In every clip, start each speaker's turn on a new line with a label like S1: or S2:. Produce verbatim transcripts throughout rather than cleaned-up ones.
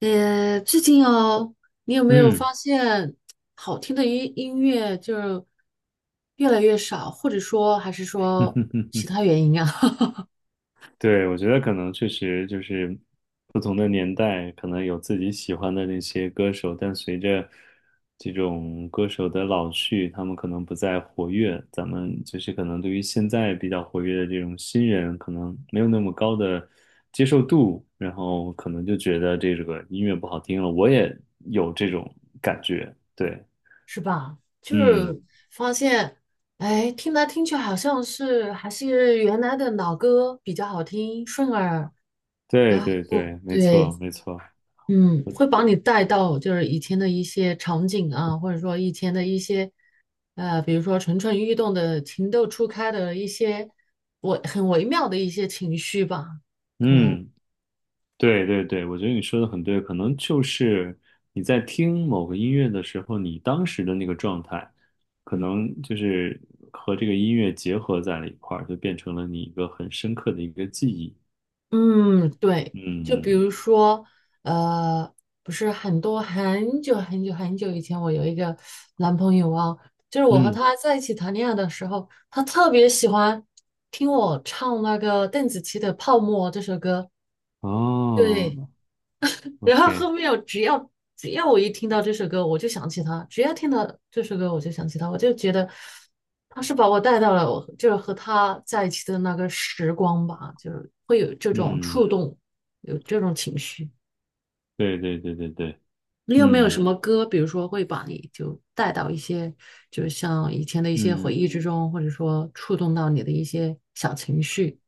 S1: 呃，最近哦，你有没有
S2: 嗯，
S1: 发现好听的音音乐就是越来越少，或者说还是说其 他原因啊？
S2: 对，我觉得可能确实就是不同的年代，可能有自己喜欢的那些歌手，但随着这种歌手的老去，他们可能不再活跃，咱们就是可能对于现在比较活跃的这种新人，可能没有那么高的接受度，然后可能就觉得这个音乐不好听了。我也有这种感觉，对，
S1: 是吧？就
S2: 嗯，
S1: 是发现，哎，听来听去好像是还是原来的老歌比较好听，顺耳，
S2: 对
S1: 然
S2: 对
S1: 后
S2: 对，没
S1: 对，
S2: 错没错。
S1: 嗯，会把你带到就是以前的一些场景啊，或者说以前的一些，呃，比如说蠢蠢欲动的、情窦初开的一些我很微妙的一些情绪吧，可能，
S2: 嗯。对对对，我觉得你说的很对，可能就是你在听某个音乐的时候，你当时的那个状态，可
S1: 嗯，
S2: 能就是和这个音乐结合在了一块儿，就变成了你一个很深刻的一个记忆。
S1: 嗯，对，就比
S2: 嗯
S1: 如说，呃，不是很多很久很久很久以前，我有一个男朋友啊，就是我和
S2: 嗯，
S1: 他在一起谈恋爱的时候，他特别喜欢听我唱那个邓紫棋的《泡沫》这首歌，
S2: 哦
S1: 对。然后
S2: ，OK，
S1: 后面我只要只要我一听到这首歌，我就想起他；只要听到这首歌，我就想起他。我就觉得他是把我带到了我就是和他在一起的那个时光吧，就是会有这种
S2: 嗯，
S1: 触动，有这种情绪。
S2: 对对对对对，
S1: 你有没有
S2: 嗯
S1: 什么歌，比如说会把你就带到一些，就是像以前的一些回
S2: 嗯。
S1: 忆之中，或者说触动到你的一些小情绪？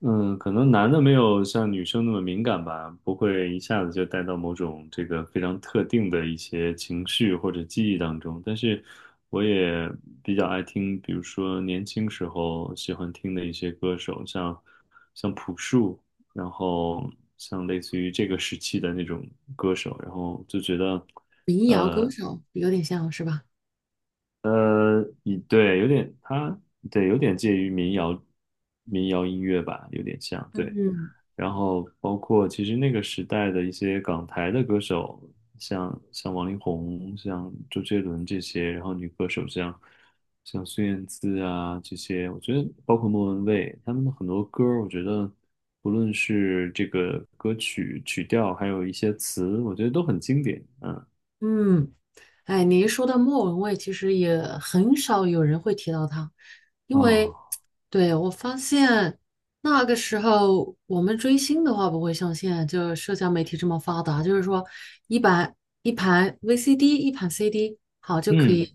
S2: 嗯，可能男的没有像女生那么敏感吧，不会一下子就带到某种这个非常特定的一些情绪或者记忆当中。但是我也比较爱听，比如说年轻时候喜欢听的一些歌手，像像朴树，然后像类似于这个时期的那种歌手，然后就觉得，
S1: 民谣歌
S2: 呃，
S1: 手有点像是吧？
S2: 你对，有点他对，有点介于民谣民谣音乐吧，有点像，对。
S1: 嗯，
S2: 然后包括其实那个时代的一些港台的歌手，像像王力宏、像周杰伦这些，然后女歌手像像孙燕姿啊这些，我觉得包括莫文蔚，他们的很多歌儿我觉得不论是这个歌曲曲调，还有一些词，我觉得都很经典。嗯
S1: 嗯，哎，你一说到莫文蔚，其实也很少有人会提到她，因为，
S2: 啊，
S1: 对，我发现那个时候我们追星的话，不会像现在就社交媒体这么发达，就是说一盘一盘 V C D,一盘 C D,好就可
S2: 嗯
S1: 以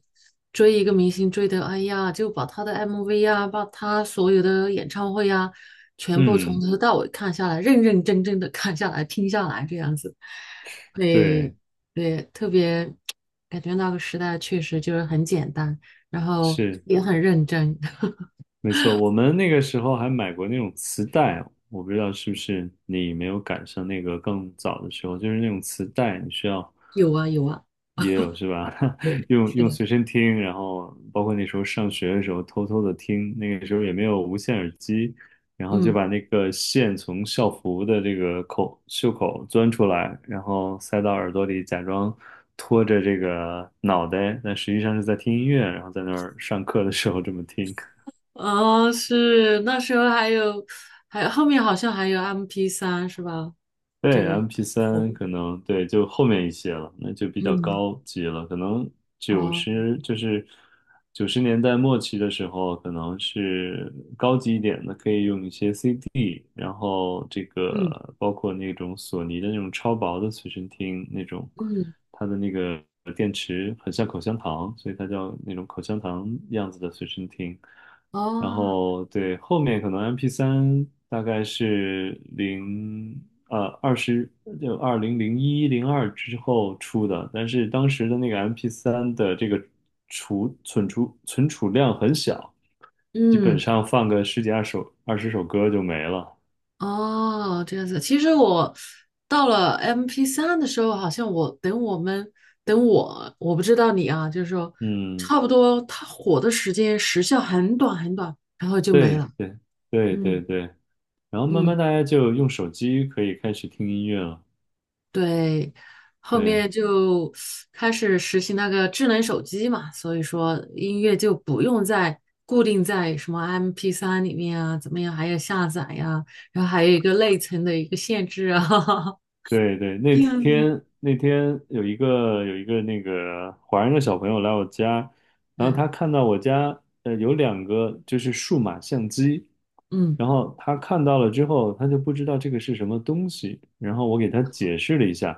S1: 追一个明星追的，哎呀，就把他的 M V 呀，把他所有的演唱会呀，全部从
S2: 嗯，
S1: 头到尾看下来，认认真真的看下来，听下来这样子。会
S2: 对，
S1: 对，特别感觉那个时代确实就是很简单，然后
S2: 是。
S1: 也很认真。
S2: 没错，我们那个时候还买过那种磁带啊，我不知道是不是你没有赶上那个更早的时候，就是那种磁带，你需要
S1: 有啊，有啊，
S2: 也有是吧？
S1: 对，
S2: 用
S1: 是
S2: 用
S1: 的，
S2: 随身听，然后包括那时候上学的时候偷偷的听，那个时候也没有无线耳机，然后就
S1: 嗯，
S2: 把那个线从校服的这个口袖口钻出来，然后塞到耳朵里，假装拖着这个脑袋，但实际上是在听音乐，然后在那儿上课的时候这么听。
S1: 哦，是那时候还有，还有后面好像还有 M P 三 是吧？
S2: 对，
S1: 就
S2: m p 三
S1: 我，
S2: 可能对，就后面一些了，那就比较
S1: 嗯，
S2: 高级了。可能九
S1: 哦，
S2: 十就是九十年代末期的时候，可能是高级一点的，可以用一些 C D，然后这
S1: 嗯
S2: 个包括那种索尼的那种超薄的随身听那种，
S1: 嗯，
S2: 它的那个。很像口香糖，所以它叫那种口香糖样子的随身听。然
S1: 哦，
S2: 后对，后面可能 m p 三大概是零呃二十就二零零一零二之后出的，但是当时的那个 m p 三的这个储存储存储量很小，基本
S1: 嗯。
S2: 上放个十几二首二十首歌就没了。
S1: 哦，这样子。其实我到了 m p 三的时候，好像我等我们等我，我不知道你啊，就是说
S2: 嗯，
S1: 差不多它火的时间时效很短很短，然后就没
S2: 对
S1: 了。
S2: 对对对
S1: 嗯
S2: 对，然后慢慢
S1: 嗯，
S2: 大家就用手机可以开始听音乐了。
S1: 对，后
S2: 对。
S1: 面就开始实行那个智能手机嘛，所以说音乐就不用再固定在什么 m p 三里面啊，怎么样，还要下载呀、然后还有一个内存的一个限制啊，
S2: 对对，那
S1: 这样子。
S2: 天那天有一个有一个那个华人的小朋友来我家，然后
S1: 嗯
S2: 他看到我家呃有两个就是数码相机，
S1: 嗯。
S2: 然后他看到了之后，他就不知道这个是什么东西，然后我给他解释了一下，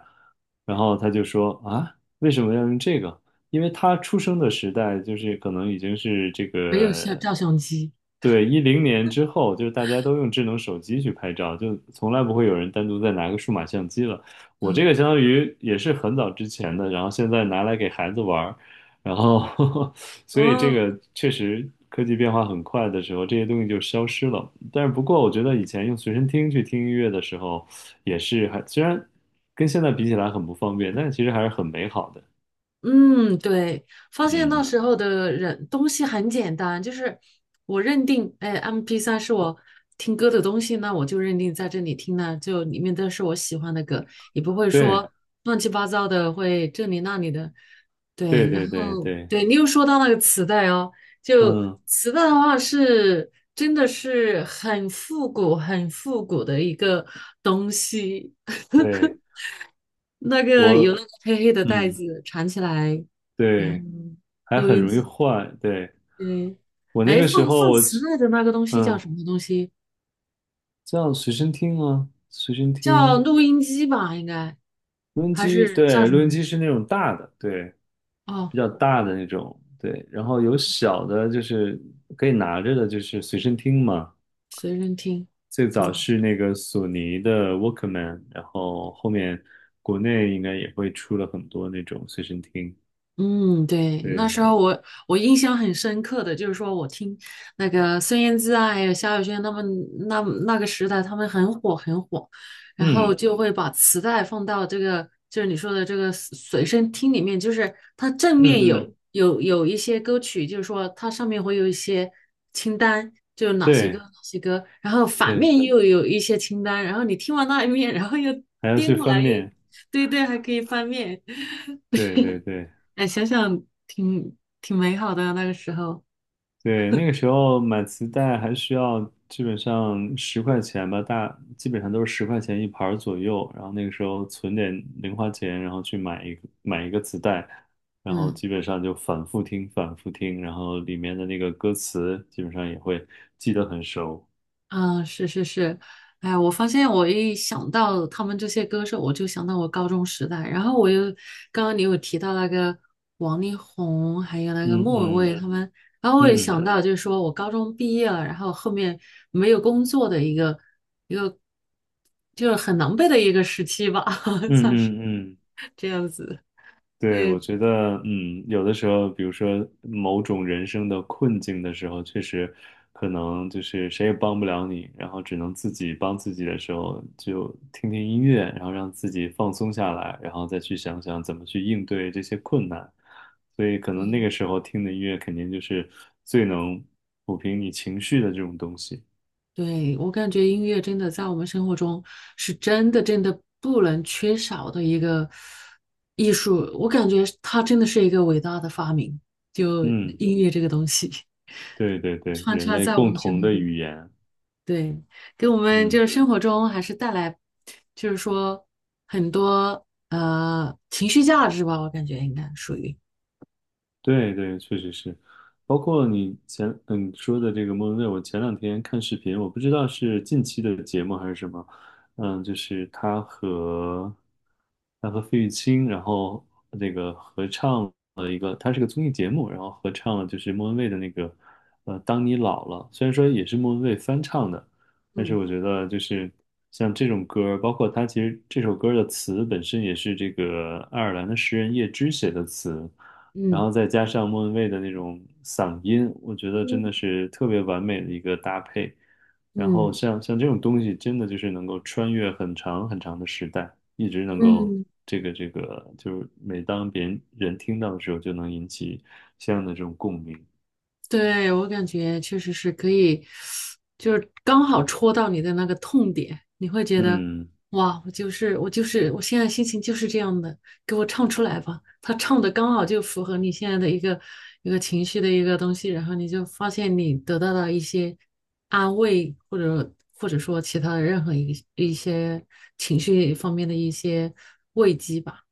S2: 然后他就说啊，为什么要用这个？因为他出生的时代就是可能已经是这
S1: 没有像
S2: 个，
S1: 照相机，
S2: 对，一零年之后，就是大家都用智能手机去拍照，就从来不会有人单独再拿个数码相机了。我
S1: 嗯
S2: 这个相当于也是很早之前的，然后现在拿来给孩子玩儿，然后 所以这
S1: 哦，
S2: 个确实科技变化很快的时候，这些东西就消失了。但是不过，我觉得以前用随身听去听音乐的时候，也是还虽然跟现在比起来很不方便，但其实还是很美好的。
S1: 嗯，对，发现那
S2: 嗯。
S1: 时候的人东西很简单，就是我认定，哎 m p 三是我听歌的东西，那我就认定在这里听呢，就里面都是我喜欢的歌，也不会
S2: 对
S1: 说乱七八糟的，会这里那里的，对，
S2: 对
S1: 然
S2: 对对
S1: 后
S2: 对，
S1: 对你又说到那个磁带哦，就
S2: 嗯，
S1: 磁带的话是真的是很复古、很复古的一个东西。
S2: 对
S1: 那个有那
S2: 我，
S1: 个黑黑的袋
S2: 嗯，
S1: 子缠起来，然后
S2: 对，
S1: 嗯
S2: 还
S1: 录
S2: 很
S1: 音
S2: 容易
S1: 机，
S2: 坏。对
S1: 对，
S2: 我那
S1: 哎，
S2: 个
S1: 放
S2: 时候
S1: 放
S2: 我
S1: 磁
S2: 只
S1: 带的那个东西叫
S2: 嗯，
S1: 什么东西？
S2: 叫随身听啊，随身
S1: 叫
S2: 听，
S1: 录音机吧，应该
S2: 录音
S1: 还
S2: 机，
S1: 是叫
S2: 对，
S1: 什
S2: 录音
S1: 么？
S2: 机是那种大的，对，
S1: 哦，
S2: 比较大的那种，对，然后有小的，就是可以拿着的，就是随身听嘛。
S1: 随身听，
S2: 最早
S1: 哦。
S2: 是那个索尼的 Walkman，然后后面国内应该也会出了很多那种随身听，
S1: 嗯，对，那时
S2: 对。
S1: 候我我印象很深刻的就是说，我听那个孙燕姿啊，还有萧亚轩他们那那个时代，他们很火很火，然后
S2: 嗯，
S1: 就会把磁带放到这个就是你说的这个随随身听里面，就是它正面
S2: 嗯嗯，
S1: 有有有一些歌曲，就是说它上面会有一些清单，就是哪些歌
S2: 对
S1: 哪些歌，然后反
S2: 对，
S1: 面又有一些清单，然后你听完那一面，然后又
S2: 还要
S1: 颠
S2: 去
S1: 过
S2: 翻
S1: 来又
S2: 面，
S1: 对对，还可以翻面。
S2: 对对对
S1: 哎，想想挺挺美好的啊那个时候。
S2: 对，那个时候买磁带还需要基本上十块钱吧，大基本上都是十块钱一盘儿左右，然后那个时候存点零花钱，然后去买一个买一个磁带，然后
S1: 嗯
S2: 基本上就反复听反复听，然后里面的那个歌词基本上也会记得很熟，
S1: 嗯，是是是，哎，我发现我一想到他们这些歌手，我就想到我高中时代。然后我又刚刚你有提到那个王力宏，还有那个莫文蔚
S2: 嗯
S1: 他们，然后我也
S2: 嗯
S1: 想到，就是说我高中毕业了，然后后面没有工作的一个一个，就是很狼狈的一个时期吧，
S2: 嗯
S1: 算是
S2: 嗯嗯嗯。嗯
S1: 这样子。
S2: 对，我
S1: 对，
S2: 觉得，嗯，有的时候，比如说某种人生的困境的时候，确实可能就是谁也帮不了你，然后只能自己帮自己的时候，就听听音乐，然后让自己放松下来，然后再去想想怎么去应对这些困难。所以，可能那
S1: 嗯。
S2: 个时候听的音乐肯定就是最能抚平你情绪的这种东西。
S1: 对，我感觉音乐真的在我们生活中是真的真的不能缺少的一个艺术，我感觉它真的是一个伟大的发明，就
S2: 嗯，
S1: 音乐这个东西
S2: 对对对，
S1: 穿
S2: 人
S1: 插
S2: 类
S1: 在我
S2: 共
S1: 们生
S2: 同
S1: 活
S2: 的
S1: 中，
S2: 语言。
S1: 对，给我们就
S2: 嗯。
S1: 是生活中还是带来，就是说很多呃情绪价值吧，我感觉应该属于，
S2: 对对，确实是，包括你前嗯说的这个莫文蔚，我前两天看视频，我不知道是近期的节目还是什么，嗯，就是他和他和费玉清，然后那个合唱了一个，他是个综艺节目，然后合唱了就是莫文蔚的那个呃《当你老了》，虽然说也是莫文蔚翻唱的，但是
S1: 嗯
S2: 我觉得就是像这种歌包括他其实这首歌的词本身也是这个爱尔兰的诗人叶芝写的词。然
S1: 嗯
S2: 后再加上莫文蔚的那种嗓音，我觉得真的
S1: 嗯
S2: 是特别完美的一个搭配。然后
S1: 嗯
S2: 像像这种东西，真的就是能够穿越很长很长的时代，一直能够
S1: 嗯。
S2: 这个这个，就是每当别人人听到的时候，就能引起相应的这种共鸣。
S1: 对，我感觉确实是可以，就是刚好戳到你的那个痛点，你会觉得，
S2: 嗯，
S1: 哇，我就是我就是我现在心情就是这样的，给我唱出来吧。他唱的刚好就符合你现在的一个一个情绪的一个东西，然后你就发现你得到了一些安慰，或者或者说其他的任何一一些情绪方面的一些慰藉吧，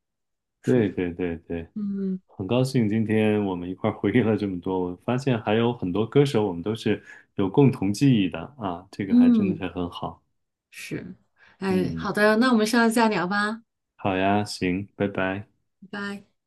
S1: 属
S2: 对
S1: 于，
S2: 对对对，
S1: 嗯
S2: 很高兴今天我们一块儿回忆了这么多，我发现还有很多歌手我们都是有共同记忆的啊，这个还真的
S1: 嗯。
S2: 是很好。
S1: 是，哎，
S2: 嗯。
S1: 好的，那我们下次再聊吧，
S2: 好呀，行，拜拜。
S1: 拜拜。